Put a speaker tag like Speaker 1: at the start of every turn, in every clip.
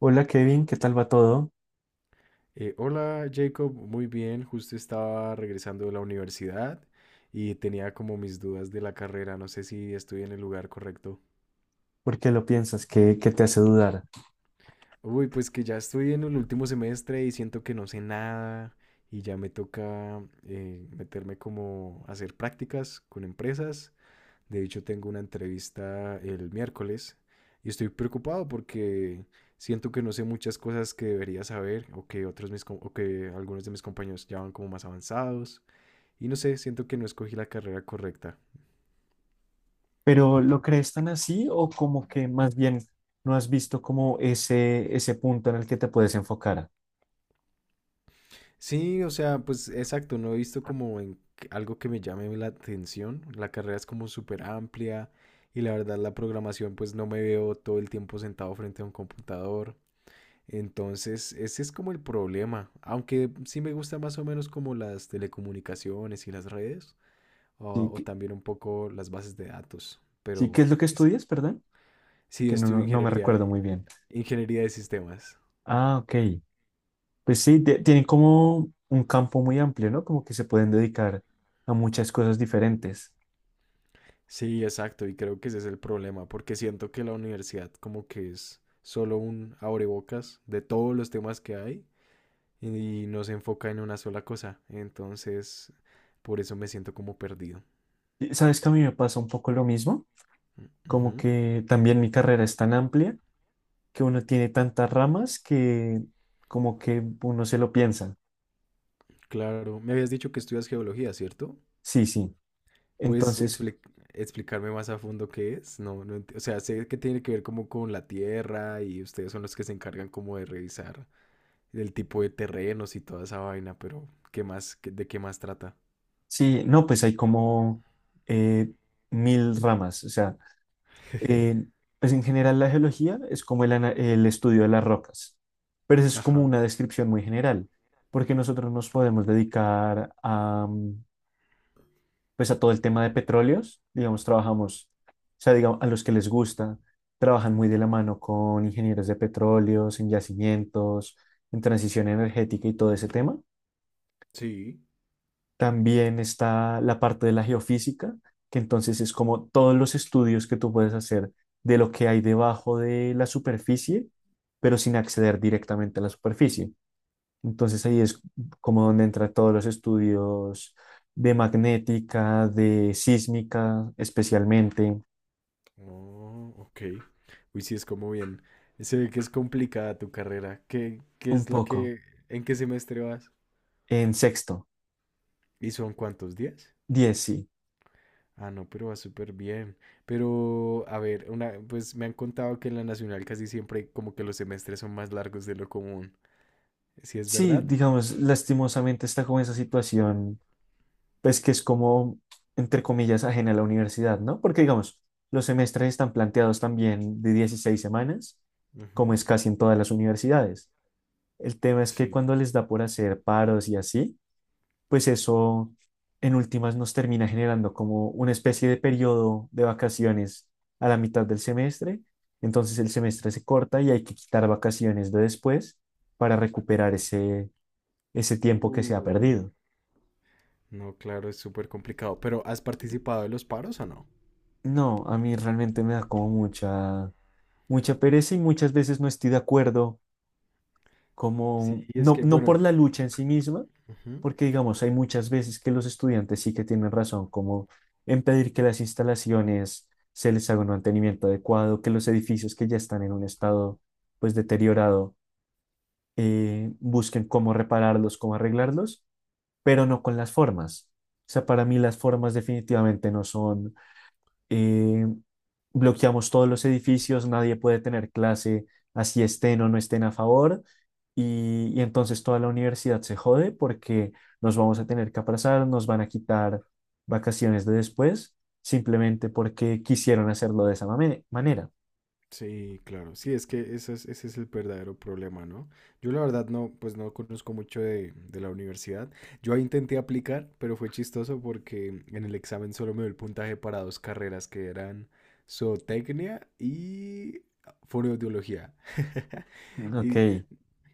Speaker 1: Hola Kevin, ¿qué tal va todo?
Speaker 2: Hola Jacob, muy bien, justo estaba regresando de la universidad y tenía como mis dudas de la carrera, no sé si estoy en el lugar correcto.
Speaker 1: ¿Por qué lo piensas? ¿Qué te hace dudar?
Speaker 2: Uy, pues que ya estoy en el último semestre y siento que no sé nada y ya me toca meterme como a hacer prácticas con empresas. De hecho, tengo una entrevista el miércoles y estoy preocupado porque siento que no sé muchas cosas que debería saber o que o que algunos de mis compañeros ya van como más avanzados. Y no sé, siento que no escogí la carrera correcta.
Speaker 1: ¿Pero lo crees tan así o como que más bien no has visto como ese punto en el que te puedes enfocar?
Speaker 2: Sí, o sea, pues exacto, no he visto como algo que me llame la atención. La carrera es como súper amplia y la verdad la programación pues no me veo todo el tiempo sentado frente a un computador. Entonces, ese es como el problema. Aunque sí me gusta más o menos como las telecomunicaciones y las redes o,
Speaker 1: ¿Sí,
Speaker 2: o
Speaker 1: qué-
Speaker 2: también un poco las bases de datos.
Speaker 1: sí, qué
Speaker 2: Pero
Speaker 1: es lo que
Speaker 2: es-
Speaker 1: estudias, perdón?
Speaker 2: sí,
Speaker 1: Que no,
Speaker 2: estudio
Speaker 1: no, no me
Speaker 2: ingeniería,
Speaker 1: recuerdo muy bien.
Speaker 2: ingeniería de sistemas.
Speaker 1: Ah, ok. Pues sí, tienen como un campo muy amplio, ¿no? Como que se pueden dedicar a muchas cosas diferentes.
Speaker 2: Sí, exacto, y creo que ese es el problema, porque siento que la universidad como que es solo un abrebocas de todos los temas que hay y no se enfoca en una sola cosa, entonces por eso me siento como perdido.
Speaker 1: Y, ¿sabes que a mí me pasa un poco lo mismo? Como
Speaker 2: Ujú.
Speaker 1: que también mi carrera es tan amplia que uno tiene tantas ramas que como que uno se lo piensa.
Speaker 2: Claro, me habías dicho que estudias geología, ¿cierto?
Speaker 1: Sí, sí.
Speaker 2: ¿Puedes
Speaker 1: Entonces,
Speaker 2: explicarme más a fondo qué es? No, o sea, sé que tiene que ver como con la tierra y ustedes son los que se encargan como de revisar el tipo de terrenos y toda esa vaina, pero ¿qué más, de qué más trata?
Speaker 1: sí, no, pues hay como eh, mil ramas. O sea, eh, pues en general la geología es como el estudio de las rocas, pero eso es como
Speaker 2: Ajá,
Speaker 1: una descripción muy general, porque nosotros nos podemos dedicar a, pues a todo el tema de petróleos, digamos, trabajamos, o sea, digamos, a los que les gusta, trabajan muy de la mano con ingenieros de petróleos, en yacimientos, en transición energética y todo ese tema.
Speaker 2: sí.
Speaker 1: También está la parte de la geofísica, que entonces es como todos los estudios que tú puedes hacer de lo que hay debajo de la superficie, pero sin acceder directamente a la superficie. Entonces ahí es como donde entran todos los estudios de magnética, de sísmica, especialmente,
Speaker 2: Oh, ok. Uy, sí, es como bien. Se ve que es complicada tu carrera. ¿Qué
Speaker 1: un
Speaker 2: es lo
Speaker 1: poco,
Speaker 2: que, en qué semestre vas?
Speaker 1: en sexto,
Speaker 2: ¿Y son cuántos días?
Speaker 1: diez sí.
Speaker 2: Ah, no, pero va súper bien. Pero, a ver, una, pues me han contado que en la nacional casi siempre como que los semestres son más largos de lo común. ¿Sí es
Speaker 1: Sí,
Speaker 2: verdad?
Speaker 1: digamos, lastimosamente está como esa situación, pues que es como, entre comillas, ajena a la universidad, ¿no? Porque, digamos, los semestres están planteados también de 16 semanas, como
Speaker 2: Ujú.
Speaker 1: es casi en todas las universidades. El tema es que
Speaker 2: Sí.
Speaker 1: cuando les da por hacer paros y así, pues eso en últimas nos termina generando como una especie de periodo de vacaciones a la mitad del semestre. Entonces el semestre se corta y hay que quitar vacaciones de después para recuperar ese tiempo que se ha
Speaker 2: Uy.
Speaker 1: perdido.
Speaker 2: No, claro, es súper complicado. Pero, ¿has participado en los paros o no?
Speaker 1: No, a mí realmente me da como mucha, mucha pereza y muchas veces no estoy de acuerdo
Speaker 2: Sí,
Speaker 1: como,
Speaker 2: es
Speaker 1: no,
Speaker 2: que,
Speaker 1: no
Speaker 2: bueno,
Speaker 1: por la lucha en sí misma,
Speaker 2: ujú.
Speaker 1: porque digamos, hay muchas veces que los estudiantes sí que tienen razón, como en pedir que las instalaciones se les haga un mantenimiento adecuado, que los edificios que ya están en un estado pues deteriorado busquen cómo repararlos, cómo arreglarlos, pero no con las formas. O sea, para mí las formas definitivamente no son eh, bloqueamos todos los edificios, nadie puede tener clase, así estén o no estén a favor, y entonces toda la universidad se jode porque nos vamos a tener que aplazar, nos van a quitar vacaciones de después, simplemente porque quisieron hacerlo de esa manera.
Speaker 2: Sí, claro. Sí, es que ese es el verdadero problema, ¿no? Yo la verdad no, pues no conozco mucho de la universidad. Yo ahí intenté aplicar, pero fue chistoso porque en el examen solo me dio el puntaje para dos carreras que eran zootecnia y fonoaudiología.
Speaker 1: Mm. Ok,
Speaker 2: Y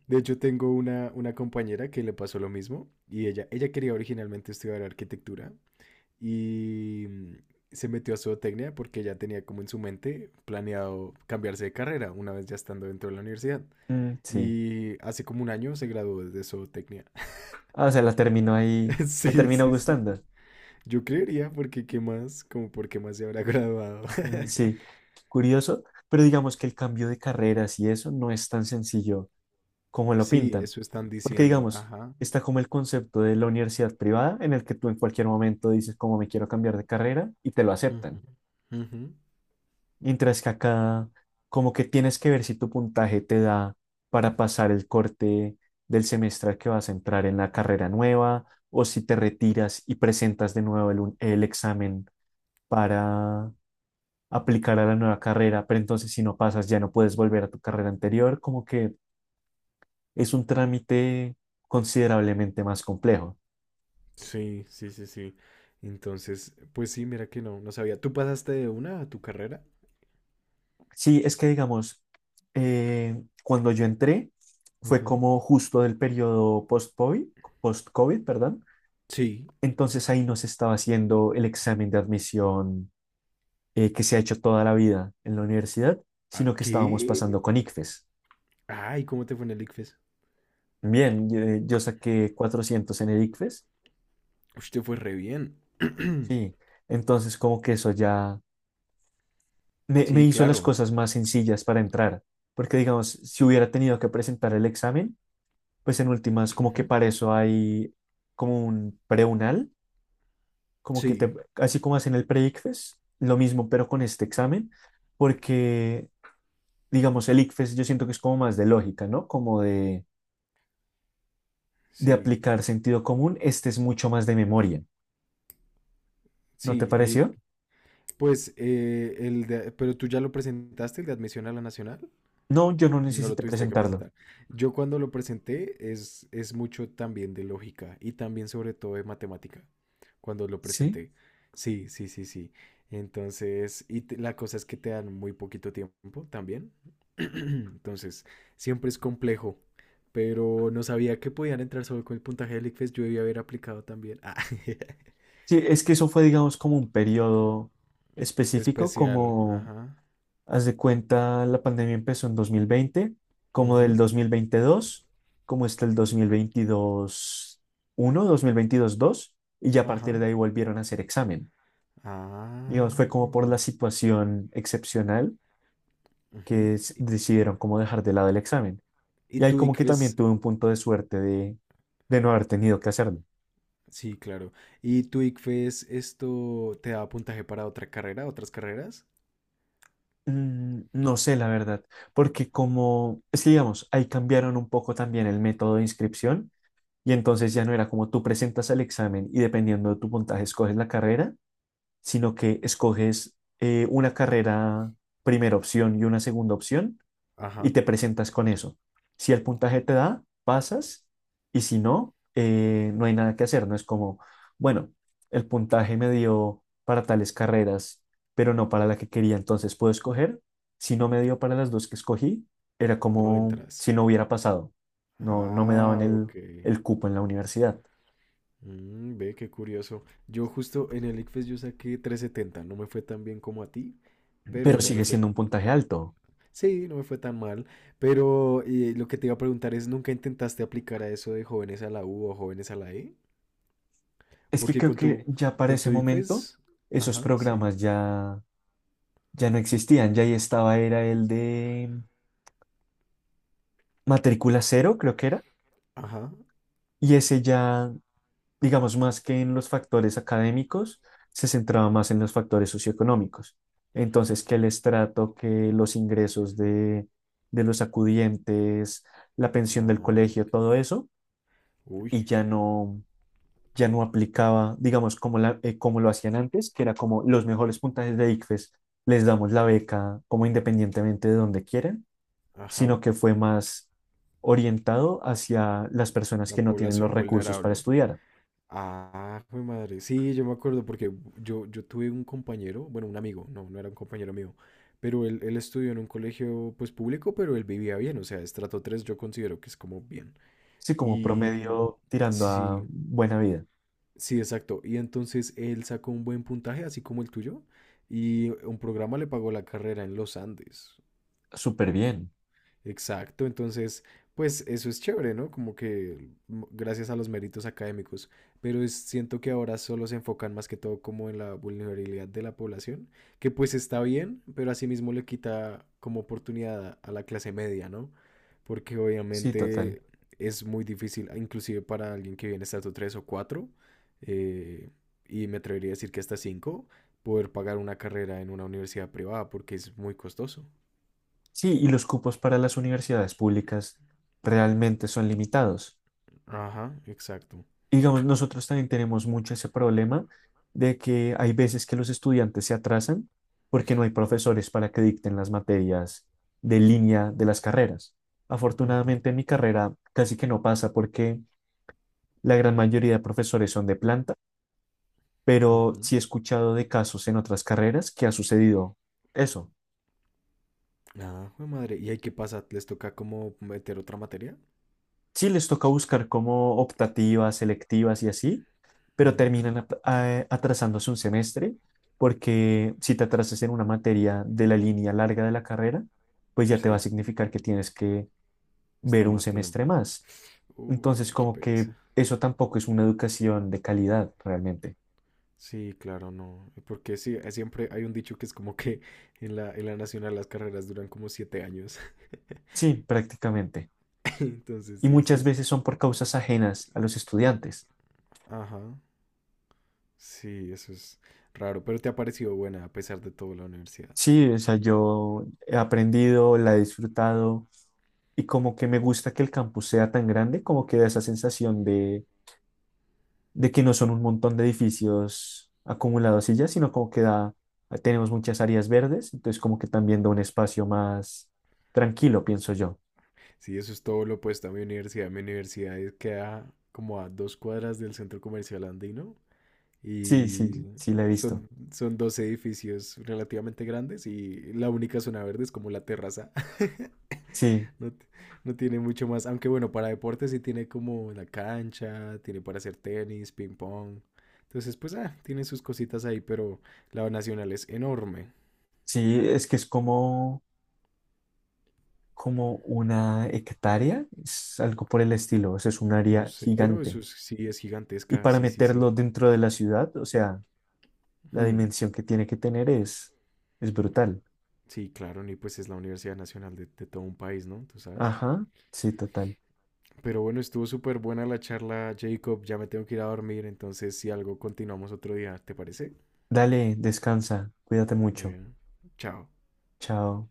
Speaker 2: de hecho tengo una compañera que le pasó lo mismo y ella quería originalmente estudiar arquitectura, y se metió a zootecnia porque ya tenía como en su mente planeado cambiarse de carrera una vez ya estando dentro de la universidad.
Speaker 1: mm, sí.
Speaker 2: Y hace como un año se graduó de zootecnia.
Speaker 1: Ah, o sea, la terminó ahí, le
Speaker 2: Sí,
Speaker 1: terminó
Speaker 2: sí, sí,
Speaker 1: gustando.
Speaker 2: sí. Yo creería porque qué más, como por qué más se habrá graduado.
Speaker 1: Sí, curioso, pero digamos que el cambio de carreras y eso no es tan sencillo como lo
Speaker 2: Sí,
Speaker 1: pintan.
Speaker 2: eso están
Speaker 1: Porque
Speaker 2: diciendo.
Speaker 1: digamos,
Speaker 2: Ajá.
Speaker 1: está como el concepto de la universidad privada en el que tú en cualquier momento dices como me quiero cambiar de carrera y te lo
Speaker 2: Ujú,
Speaker 1: aceptan.
Speaker 2: ujú.
Speaker 1: Mientras que acá como que tienes que ver si tu puntaje te da para pasar el corte del semestre al que vas a entrar en la carrera nueva o si te retiras y presentas de nuevo el examen para aplicar a la nueva carrera, pero entonces si no pasas ya no puedes volver a tu carrera anterior, como que es un trámite considerablemente más complejo.
Speaker 2: Sí, sí, sí, sí. Entonces, pues sí, mira que no, no sabía. ¿Tú pasaste de una a tu carrera?
Speaker 1: Sí, es que digamos, cuando yo entré, fue
Speaker 2: Ujú.
Speaker 1: como justo del periodo post-COVID, perdón.
Speaker 2: Sí.
Speaker 1: Entonces ahí no se estaba haciendo el examen de admisión que se ha hecho toda la vida en la universidad,
Speaker 2: ¿A
Speaker 1: sino que estábamos
Speaker 2: qué?
Speaker 1: pasando con ICFES.
Speaker 2: Ay, ¿cómo te fue en el ICFES?
Speaker 1: Bien, yo saqué 400 en el ICFES,
Speaker 2: Ush, te fue re bien.
Speaker 1: sí. Entonces como que eso ya me
Speaker 2: Sí,
Speaker 1: hizo las
Speaker 2: claro.
Speaker 1: cosas más sencillas para entrar, porque digamos, si hubiera tenido que presentar el examen, pues en últimas, como que
Speaker 2: Ujú.
Speaker 1: para eso hay como un preunal, como que te,
Speaker 2: Sí,
Speaker 1: así como hacen el pre-ICFES, lo mismo, pero con este examen, porque digamos, el ICFES yo siento que es como más de lógica, ¿no? Como de
Speaker 2: sí,
Speaker 1: aplicar sentido común, este es mucho más de memoria, ¿no te
Speaker 2: sí. Y
Speaker 1: pareció?
Speaker 2: pues, pero tú ya lo presentaste, el de admisión a la nacional.
Speaker 1: No, yo no
Speaker 2: No lo
Speaker 1: necesité
Speaker 2: tuviste que
Speaker 1: presentarlo,
Speaker 2: presentar. Yo cuando lo presenté es mucho también de lógica y también sobre todo de matemática. Cuando lo
Speaker 1: ¿sí?
Speaker 2: presenté. Sí, sí, sí, sí. Entonces, la cosa es que te dan muy poquito tiempo también. Entonces, siempre es complejo. Pero no sabía que podían entrar solo con el puntaje del ICFES. Yo debía haber aplicado también. Ah,
Speaker 1: Sí, es que eso fue, digamos, como un periodo específico,
Speaker 2: especial.
Speaker 1: como
Speaker 2: Ajá.
Speaker 1: haz de cuenta, la pandemia empezó en 2020, como del
Speaker 2: Ujú.
Speaker 1: 2022, como está el dos mil veintidós uno, dos mil veintidós dos y ya a partir de
Speaker 2: Ajá.
Speaker 1: ahí volvieron a hacer examen. Digamos, fue
Speaker 2: Ah, jue
Speaker 1: como por la
Speaker 2: madre.
Speaker 1: situación excepcional
Speaker 2: Ujú.
Speaker 1: que decidieron como dejar de lado el examen.
Speaker 2: ¿Y
Speaker 1: Y ahí
Speaker 2: tu
Speaker 1: como que también
Speaker 2: ICFES?
Speaker 1: tuve un punto de suerte de no haber tenido que hacerlo.
Speaker 2: Sí, claro. ¿Y tu ICFES esto te da puntaje para otra carrera, otras carreras?
Speaker 1: No sé, la verdad, porque como, es que digamos, ahí cambiaron un poco también el método de inscripción, y entonces ya no era como tú presentas el examen y dependiendo de tu puntaje escoges la carrera, sino que escoges una carrera primera opción y una segunda opción y
Speaker 2: Ajá,
Speaker 1: te presentas con eso. Si el puntaje te da, pasas y si no, no hay nada que hacer. No es como, bueno, el puntaje me dio para tales carreras, pero no para la que quería, entonces puedo escoger. Si no me dio para las dos que escogí, era
Speaker 2: no
Speaker 1: como
Speaker 2: entras.
Speaker 1: si no hubiera pasado. No, no me
Speaker 2: Ah,
Speaker 1: daban
Speaker 2: ok.
Speaker 1: el cupo en la universidad,
Speaker 2: Mm, ve, qué curioso. Yo justo en el ICFES yo saqué 370. No me fue tan bien como a ti, pero
Speaker 1: pero
Speaker 2: no me
Speaker 1: sigue
Speaker 2: fue...
Speaker 1: siendo un puntaje alto.
Speaker 2: Sí, no me fue tan mal, pero lo que te iba a preguntar es, ¿nunca intentaste aplicar a eso de jóvenes a la U o jóvenes a la E?
Speaker 1: Es que
Speaker 2: Porque
Speaker 1: creo
Speaker 2: con
Speaker 1: que
Speaker 2: tu,
Speaker 1: ya para
Speaker 2: con
Speaker 1: ese
Speaker 2: tu
Speaker 1: momento
Speaker 2: ICFES...
Speaker 1: esos
Speaker 2: Ajá, sí.
Speaker 1: programas ya, ya no existían, ya ahí estaba, era el de matrícula cero, creo que era,
Speaker 2: Ajá.
Speaker 1: y ese ya, digamos, más que en los factores académicos, se centraba más en los factores socioeconómicos. Entonces, que el estrato, que los ingresos de los acudientes, la pensión del
Speaker 2: Ah,
Speaker 1: colegio,
Speaker 2: ok.
Speaker 1: todo eso, y
Speaker 2: Uy,
Speaker 1: ya no, ya no aplicaba, digamos, como, la, como lo hacían antes, que era como los mejores puntajes de ICFES, les damos la beca como independientemente de donde quieran, sino
Speaker 2: ajá.
Speaker 1: que fue más orientado hacia las personas
Speaker 2: La
Speaker 1: que no tienen los
Speaker 2: población
Speaker 1: recursos para
Speaker 2: vulnerable.
Speaker 1: estudiar.
Speaker 2: Ah, mi madre. Sí, yo me acuerdo porque yo tuve un compañero, bueno, un amigo, no, no era un compañero mío, pero él estudió en un colegio pues público, pero él vivía bien, o sea, estrato 3 yo considero que es como bien.
Speaker 1: Sí, como
Speaker 2: Y
Speaker 1: promedio tirando a
Speaker 2: sí,
Speaker 1: buena vida.
Speaker 2: sí, exacto. Y entonces él sacó un buen puntaje, así como el tuyo, y un programa le pagó la carrera en los Andes.
Speaker 1: Súper bien.
Speaker 2: Exacto, entonces, pues eso es chévere, ¿no? Como que mm, gracias a los méritos académicos, pero siento que ahora solo se enfocan más que todo como en la vulnerabilidad de la población, que pues está bien, pero asimismo le quita como oportunidad a la clase media, ¿no? Porque
Speaker 1: Sí, total.
Speaker 2: obviamente es muy difícil, inclusive para alguien que viene estatus 3 o 4 eh, y me atrevería a decir que hasta 5, poder pagar una carrera en una universidad privada porque es muy costoso.
Speaker 1: Sí, y los cupos para las universidades públicas realmente son limitados.
Speaker 2: Ajá, exacto.
Speaker 1: Y, digamos, nosotros también tenemos mucho ese problema de que hay veces que los estudiantes se atrasan porque no hay profesores para que dicten las materias de línea de las carreras.
Speaker 2: Ujú,
Speaker 1: Afortunadamente en mi carrera casi que no pasa porque la gran mayoría de profesores son de planta, pero
Speaker 2: ujú.
Speaker 1: sí he escuchado de casos en otras carreras que ha sucedido eso.
Speaker 2: Ah, jue madre. ¿Y ahí qué pasa? ¿Les toca como meter otra materia?
Speaker 1: Sí les toca buscar como optativas, selectivas y así, pero
Speaker 2: Mm.
Speaker 1: terminan atrasándose un semestre porque si te atrasas en una materia de la línea larga de la carrera, pues ya te va a
Speaker 2: Sí,
Speaker 1: significar que tienes que ver
Speaker 2: estar
Speaker 1: un
Speaker 2: más tiempo.
Speaker 1: semestre más. Entonces,
Speaker 2: Uy, qué
Speaker 1: como que
Speaker 2: pereza.
Speaker 1: eso tampoco es una educación de calidad realmente.
Speaker 2: Sí, claro, no. Porque sí, siempre hay un dicho que es como que en la nacional las carreras duran como 7 años.
Speaker 1: Sí, prácticamente.
Speaker 2: Entonces,
Speaker 1: Y
Speaker 2: sí, eso
Speaker 1: muchas
Speaker 2: es.
Speaker 1: veces son por causas ajenas a los estudiantes.
Speaker 2: Ajá. Sí, eso es raro. Pero te ha parecido buena a pesar de todo la universidad.
Speaker 1: Sí, o sea, yo he aprendido, la he disfrutado y como que me gusta que el campus sea tan grande, como que da esa sensación de que no son un montón de edificios acumulados y ya, sino como que da, tenemos muchas áreas verdes, entonces como que también da un espacio más tranquilo, pienso yo.
Speaker 2: Sí, eso es todo lo opuesto a mi universidad. Mi universidad queda como a 2 cuadras del centro comercial andino.
Speaker 1: Sí, sí,
Speaker 2: Y
Speaker 1: sí, la he visto.
Speaker 2: son dos edificios relativamente grandes y la única zona verde es como la terraza.
Speaker 1: Sí,
Speaker 2: No, no tiene mucho más. Aunque bueno, para deportes sí tiene como la cancha, tiene para hacer tenis, ping pong. Entonces, pues, ah, tiene sus cositas ahí, pero la nacional es enorme.
Speaker 1: sí, es que es como, como una hectárea, es algo por el estilo, o sea, es un
Speaker 2: No
Speaker 1: área
Speaker 2: sé, pero eso
Speaker 1: gigante.
Speaker 2: sí es
Speaker 1: Y
Speaker 2: gigantesca.
Speaker 1: para
Speaker 2: Sí, sí, sí.
Speaker 1: meterlo dentro de la ciudad, o sea, la
Speaker 2: Ujú.
Speaker 1: dimensión que tiene que tener es brutal.
Speaker 2: Sí, claro, y pues es la Universidad Nacional de todo un país, ¿no? Tú sabes.
Speaker 1: Ajá, sí, total.
Speaker 2: Pero bueno, estuvo súper buena la charla, Jacob. Ya me tengo que ir a dormir, entonces si algo continuamos otro día, ¿te parece?
Speaker 1: Dale, descansa, cuídate
Speaker 2: Muy
Speaker 1: mucho.
Speaker 2: bien. Chao.
Speaker 1: Chao.